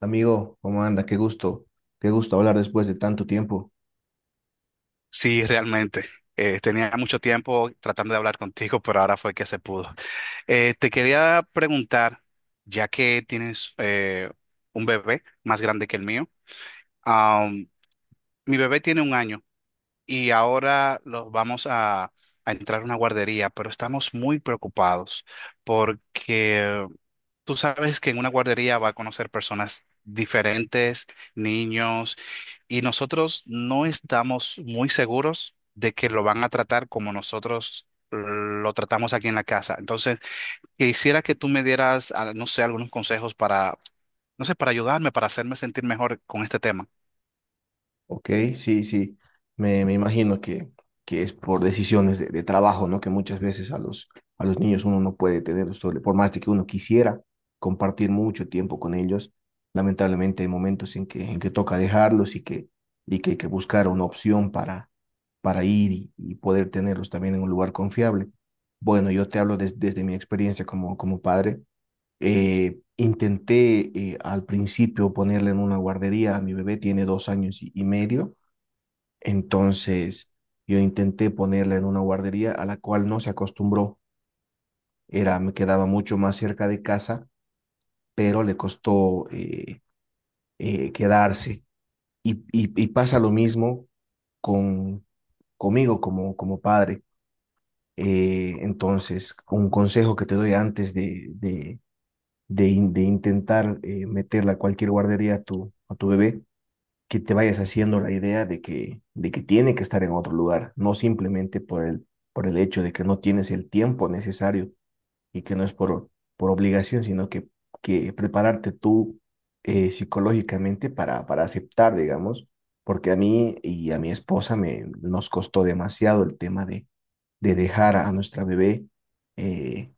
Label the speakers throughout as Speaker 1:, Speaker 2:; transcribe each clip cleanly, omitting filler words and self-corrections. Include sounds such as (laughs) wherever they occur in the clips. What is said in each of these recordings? Speaker 1: Amigo, ¿cómo anda? Qué gusto hablar después de tanto tiempo.
Speaker 2: Sí, realmente. Tenía mucho tiempo tratando de hablar contigo, pero ahora fue que se pudo. Te quería preguntar, ya que tienes un bebé más grande que el mío, am, mi bebé tiene un año y ahora lo vamos a entrar a una guardería, pero estamos muy preocupados porque tú sabes que en una guardería va a conocer personas diferentes, niños, y nosotros no estamos muy seguros de que lo van a tratar como nosotros lo tratamos aquí en la casa. Entonces, quisiera que tú me dieras, no sé, algunos consejos para, no sé, para ayudarme, para hacerme sentir mejor con este tema.
Speaker 1: Ok, sí, sí, me imagino que es por decisiones de trabajo, ¿no? Que muchas veces a a los niños uno no puede tener, por más de que uno quisiera compartir mucho tiempo con ellos, lamentablemente hay momentos en en que toca dejarlos y que hay que buscar una opción para ir y poder tenerlos también en un lugar confiable. Bueno, yo te hablo desde mi experiencia como, como padre. Intenté al principio ponerle en una guardería. Mi bebé tiene dos años y medio, entonces yo intenté ponerle en una guardería a la cual no se acostumbró, era, me quedaba mucho más cerca de casa, pero le costó quedarse. Y pasa lo mismo con, conmigo como, como padre. Entonces, un consejo que te doy antes de intentar meterla a cualquier guardería a a tu bebé, que te vayas haciendo la idea de de que tiene que estar en otro lugar, no simplemente por por el hecho de que no tienes el tiempo necesario y que no es por obligación, que prepararte tú psicológicamente para aceptar, digamos, porque a mí y a mi esposa me, nos costó demasiado el tema de dejar a nuestra bebé eh,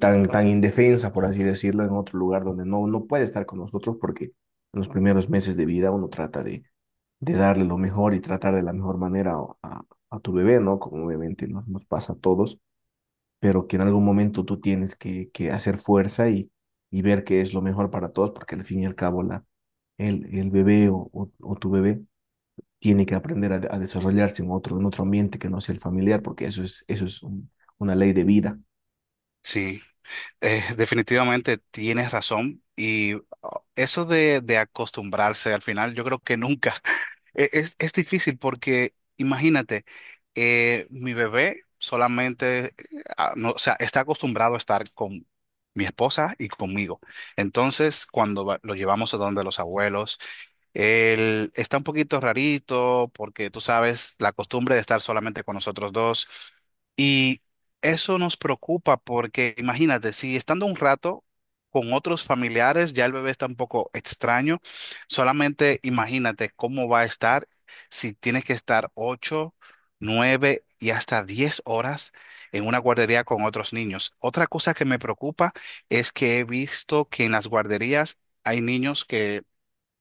Speaker 1: tan, tan indefensa, por así decirlo, en otro lugar donde no, no puede estar con nosotros porque en los primeros meses de vida uno trata de darle lo mejor y tratar de la mejor manera a, a tu bebé, ¿no? Como obviamente nos, nos pasa a todos, pero que en algún momento tú tienes que hacer fuerza y ver qué es lo mejor para todos porque al fin y al cabo el bebé o tu bebé tiene que aprender a desarrollarse en otro ambiente que no sea el familiar, porque eso es una ley de vida.
Speaker 2: Sí. Definitivamente tienes razón y oh, eso de acostumbrarse al final. Yo creo que nunca (laughs) es difícil porque imagínate, mi bebé solamente, no, o sea, está acostumbrado a estar con mi esposa y conmigo. Entonces, cuando lo llevamos a donde los abuelos, él está un poquito rarito porque tú sabes la costumbre de estar solamente con nosotros dos. Y eso nos preocupa porque imagínate, si estando un rato con otros familiares ya el bebé está un poco extraño, solamente imagínate cómo va a estar si tienes que estar 8, 9 y hasta 10 horas en una guardería con otros niños. Otra cosa que me preocupa es que he visto que en las guarderías hay niños que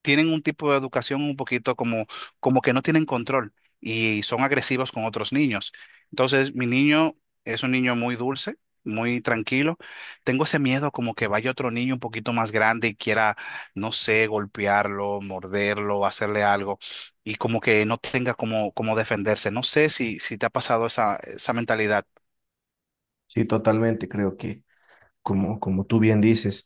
Speaker 2: tienen un tipo de educación un poquito como, como que no tienen control y son agresivos con otros niños. Entonces, mi niño es un niño muy dulce, muy tranquilo. Tengo ese miedo como que vaya otro niño un poquito más grande y quiera, no sé, golpearlo, morderlo, hacerle algo y como que no tenga como defenderse. No sé si te ha pasado esa mentalidad.
Speaker 1: Sí, totalmente, creo que como, como tú bien dices,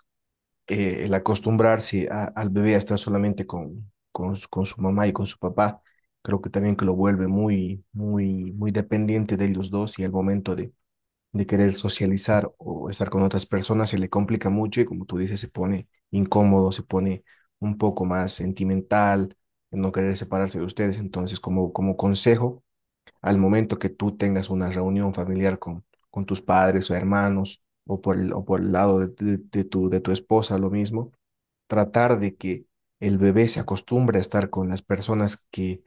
Speaker 1: el acostumbrarse al bebé a estar solamente con, con su mamá y con su papá, creo que también que lo vuelve muy, muy, muy dependiente de ellos dos y al momento de querer socializar o estar con otras personas, se le complica mucho y como tú dices, se pone incómodo, se pone un poco más sentimental, no querer separarse de ustedes. Entonces, como, como consejo, al momento que tú tengas una reunión familiar con tus padres o hermanos, o por o por el lado de de tu esposa, lo mismo, tratar de que el bebé se acostumbre a estar con las personas que,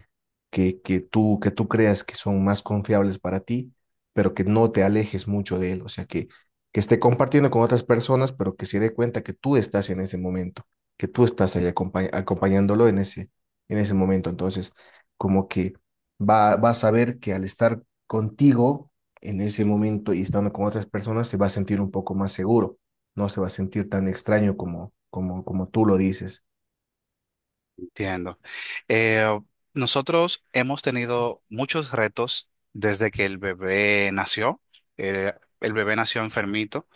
Speaker 1: que, que que tú creas que son más confiables para ti, pero que no te alejes mucho de él, o sea, que esté compartiendo con otras personas, pero que se dé cuenta que tú estás en ese momento, que tú estás ahí acompañándolo en ese momento. Entonces, como que va a saber que al estar contigo en ese momento y estando con otras personas, se va a sentir un poco más seguro, no se va a sentir tan extraño como, como, como tú lo dices.
Speaker 2: Entiendo. Eh, Nosotros hemos tenido muchos retos desde que el bebé nació. Eh, el bebé nació enfermito.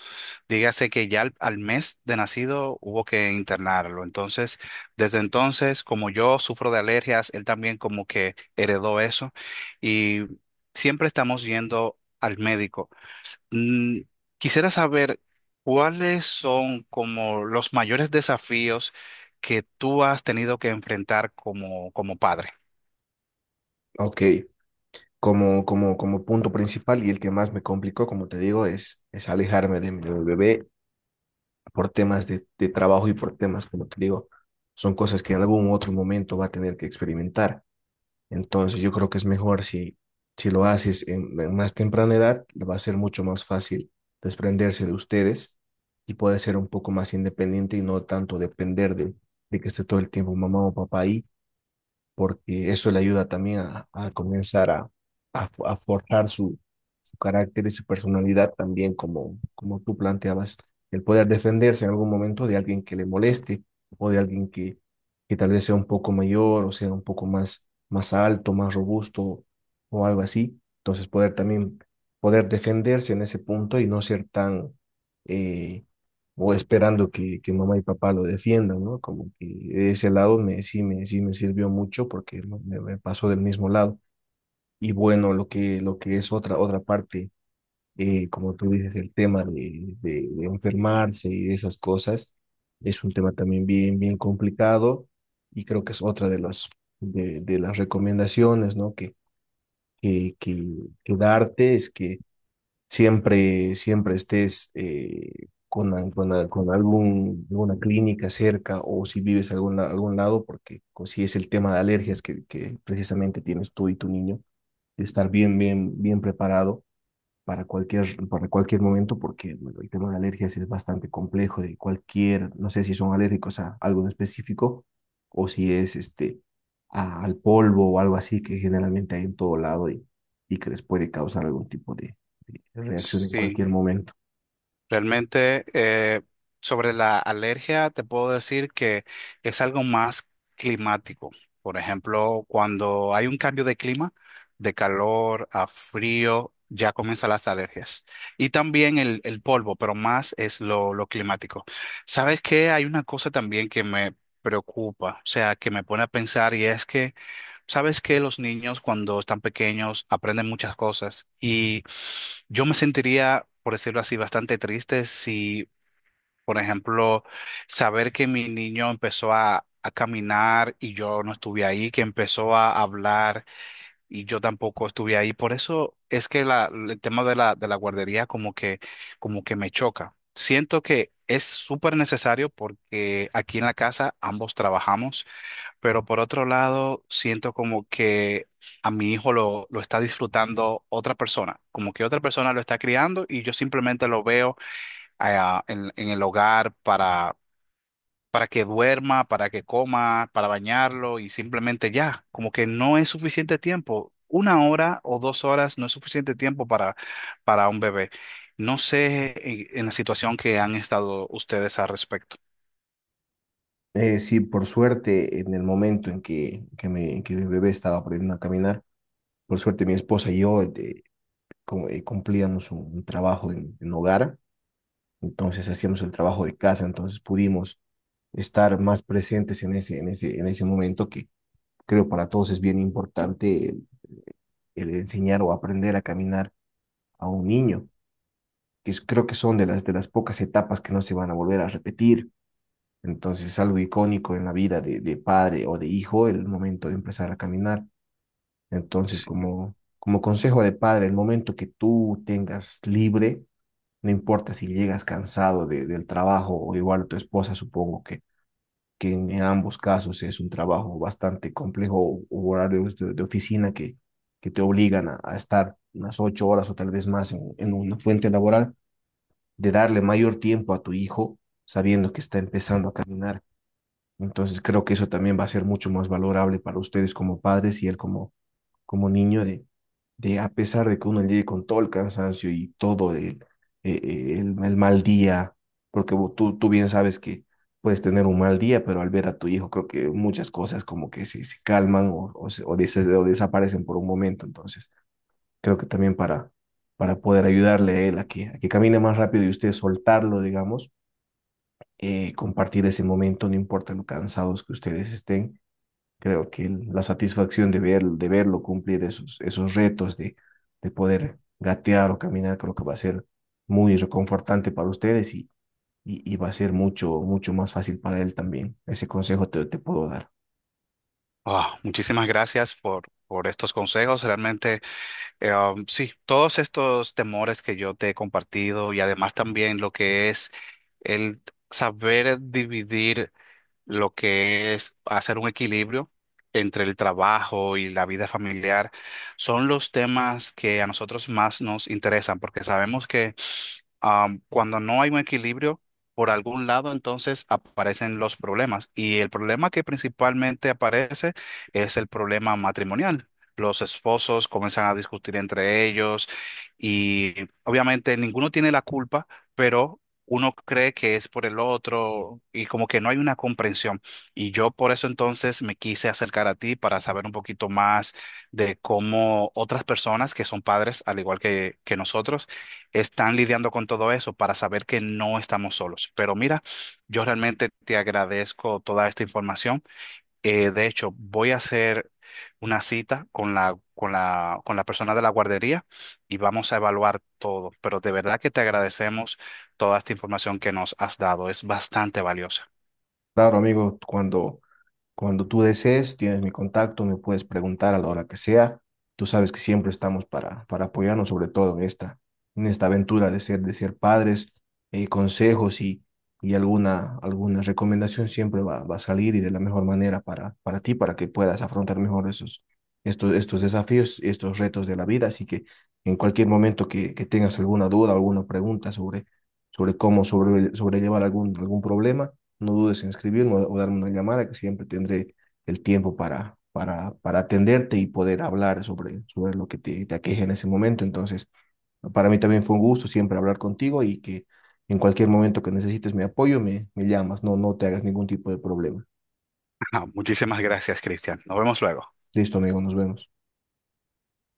Speaker 2: Dígase que ya al mes de nacido hubo que internarlo. Entonces, desde entonces, como yo sufro de alergias, él también como que heredó eso. Y siempre estamos yendo al médico. Mm, Quisiera saber cuáles son como los mayores desafíos que tú has tenido que enfrentar como, como padre.
Speaker 1: Ok, como, como, como punto principal y el que más me complicó, como te digo, es alejarme de mi bebé por temas de trabajo y por temas, como te digo, son cosas que en algún otro momento va a tener que experimentar. Entonces yo creo que es mejor si, si lo haces en más temprana edad, le va a ser mucho más fácil desprenderse de ustedes y poder ser un poco más independiente y no tanto depender de que esté todo el tiempo mamá o papá ahí porque eso le ayuda también a comenzar a, a forjar su, su carácter y su personalidad también, como, como tú planteabas, el poder defenderse en algún momento de alguien que le moleste o de alguien que tal vez sea un poco mayor o sea un poco más, más alto, más robusto o algo así. Entonces poder también poder defenderse en ese punto y no ser tan eh, o esperando que mamá y papá lo defiendan, ¿no? Como que de ese lado me, sí, me, sí me sirvió mucho porque me, me pasó del mismo lado. Y bueno, lo que es otra, otra parte, como tú dices, el tema de enfermarse y de esas cosas, es un tema también bien, bien complicado y creo que es otra de de las recomendaciones, ¿no? Que, que, que darte es que siempre, siempre estés con algún, alguna clínica cerca o si vives algún, algún lado, porque si es el tema de alergias que precisamente tienes tú y tu niño, de estar bien, bien, bien preparado para cualquier momento, porque bueno, el tema de alergias es bastante complejo, de cualquier, no sé si son alérgicos a algo en específico o si es este, al polvo o algo así que generalmente hay en todo lado y que les puede causar algún tipo de reacción en cualquier
Speaker 2: Sí.
Speaker 1: momento.
Speaker 2: Realmente, sobre la alergia, te puedo decir que es algo más climático. Por ejemplo, cuando hay un cambio de clima, de calor a frío, ya comienzan las alergias. Y también el polvo, pero más es lo climático. ¿Sabes qué? Hay una cosa también que me preocupa, o sea, que me pone a pensar, y es que sabes que los niños cuando están pequeños aprenden muchas cosas y yo me sentiría, por decirlo así, bastante triste si, por ejemplo, saber que mi niño empezó a caminar y yo no estuve ahí, que empezó a hablar y yo tampoco estuve ahí. Por eso es que el tema de la guardería como que me choca. Siento que es súper necesario porque aquí en la casa ambos trabajamos. Pero por otro lado, siento como que a mi hijo lo está disfrutando otra persona, como que otra persona lo está criando y yo simplemente lo veo ah, en el hogar para, que duerma, para que coma, para bañarlo, y simplemente ya, como que no es suficiente tiempo. Una hora o 2 horas no es suficiente tiempo para un bebé. No sé en la situación que han estado ustedes al respecto.
Speaker 1: Sí, por suerte, en el momento en en que mi bebé estaba aprendiendo a caminar, por suerte mi esposa y yo como, cumplíamos un trabajo en hogar, entonces hacíamos el trabajo de casa, entonces pudimos estar más presentes en ese, en ese, en ese momento que creo para todos es bien importante el enseñar o aprender a caminar a un niño, que creo que son de las pocas etapas que no se van a volver a repetir. Entonces es algo icónico en la vida de padre o de hijo el momento de empezar a caminar. Entonces,
Speaker 2: Sí.
Speaker 1: como, como consejo de padre, el momento que tú tengas libre, no importa si llegas cansado del trabajo o igual tu esposa, supongo que en ambos casos es un trabajo bastante complejo o horarios de oficina que te obligan a, estar unas 8 horas o tal vez más en una fuente laboral, de darle mayor tiempo a tu hijo sabiendo que está empezando a caminar. Entonces creo que eso también va a ser mucho más valorable para ustedes como padres y él como, como niño de a pesar de que uno llegue con todo el cansancio y todo el, el mal día, porque tú, tú bien sabes que puedes tener un mal día, pero al ver a tu hijo creo que muchas cosas como que se calman o, o desaparecen por un momento. Entonces creo que también para poder ayudarle a él a a que camine más rápido y usted soltarlo, digamos, compartir ese momento, no importa lo cansados que ustedes estén. Creo que la satisfacción de, ver, de verlo cumplir esos, esos retos, de poder gatear o caminar, creo que va a ser muy reconfortante para ustedes y va a ser mucho, mucho más fácil para él también. Ese consejo te puedo dar.
Speaker 2: Ah, muchísimas gracias por estos consejos. Realmente. Sí, todos estos temores que yo te he compartido, y además también lo que es el saber dividir, lo que es hacer un equilibrio entre el trabajo y la vida familiar, son los temas que a nosotros más nos interesan porque sabemos que, cuando no hay un equilibrio por algún lado, entonces aparecen los problemas. Y el problema que principalmente aparece es el problema matrimonial. Los esposos comienzan a discutir entre ellos y obviamente ninguno tiene la culpa, pero uno cree que es por el otro y como que no hay una comprensión. Y yo por eso entonces me quise acercar a ti para saber un poquito más de cómo otras personas que son padres, al igual que nosotros, están lidiando con todo eso, para saber que no estamos solos. Pero mira, yo realmente te agradezco toda esta información. De hecho, voy a hacer una cita con la, persona de la guardería y vamos a evaluar todo. Pero de verdad que te agradecemos toda esta información que nos has dado. Es bastante valiosa.
Speaker 1: Claro, amigo, cuando tú desees, tienes mi contacto, me puedes preguntar a la hora que sea. Tú sabes que siempre estamos para apoyarnos, sobre todo en esta aventura de ser padres. Eh, consejos y alguna, alguna recomendación siempre va a salir y de la mejor manera para ti, para que puedas afrontar mejor esos, estos, estos desafíos, estos retos de la vida. Así que en cualquier momento que tengas alguna duda, alguna pregunta sobre sobrellevar algún, algún problema, no dudes en escribirme o darme una llamada, que siempre tendré el tiempo para atenderte y poder hablar sobre, sobre lo que te aqueja en ese momento. Entonces, para mí también fue un gusto siempre hablar contigo y que en cualquier momento que necesites mi apoyo, me llamas, no, no te hagas ningún tipo de problema.
Speaker 2: (laughs) Muchísimas gracias, Cristian. Nos vemos luego.
Speaker 1: Listo, amigo, nos vemos.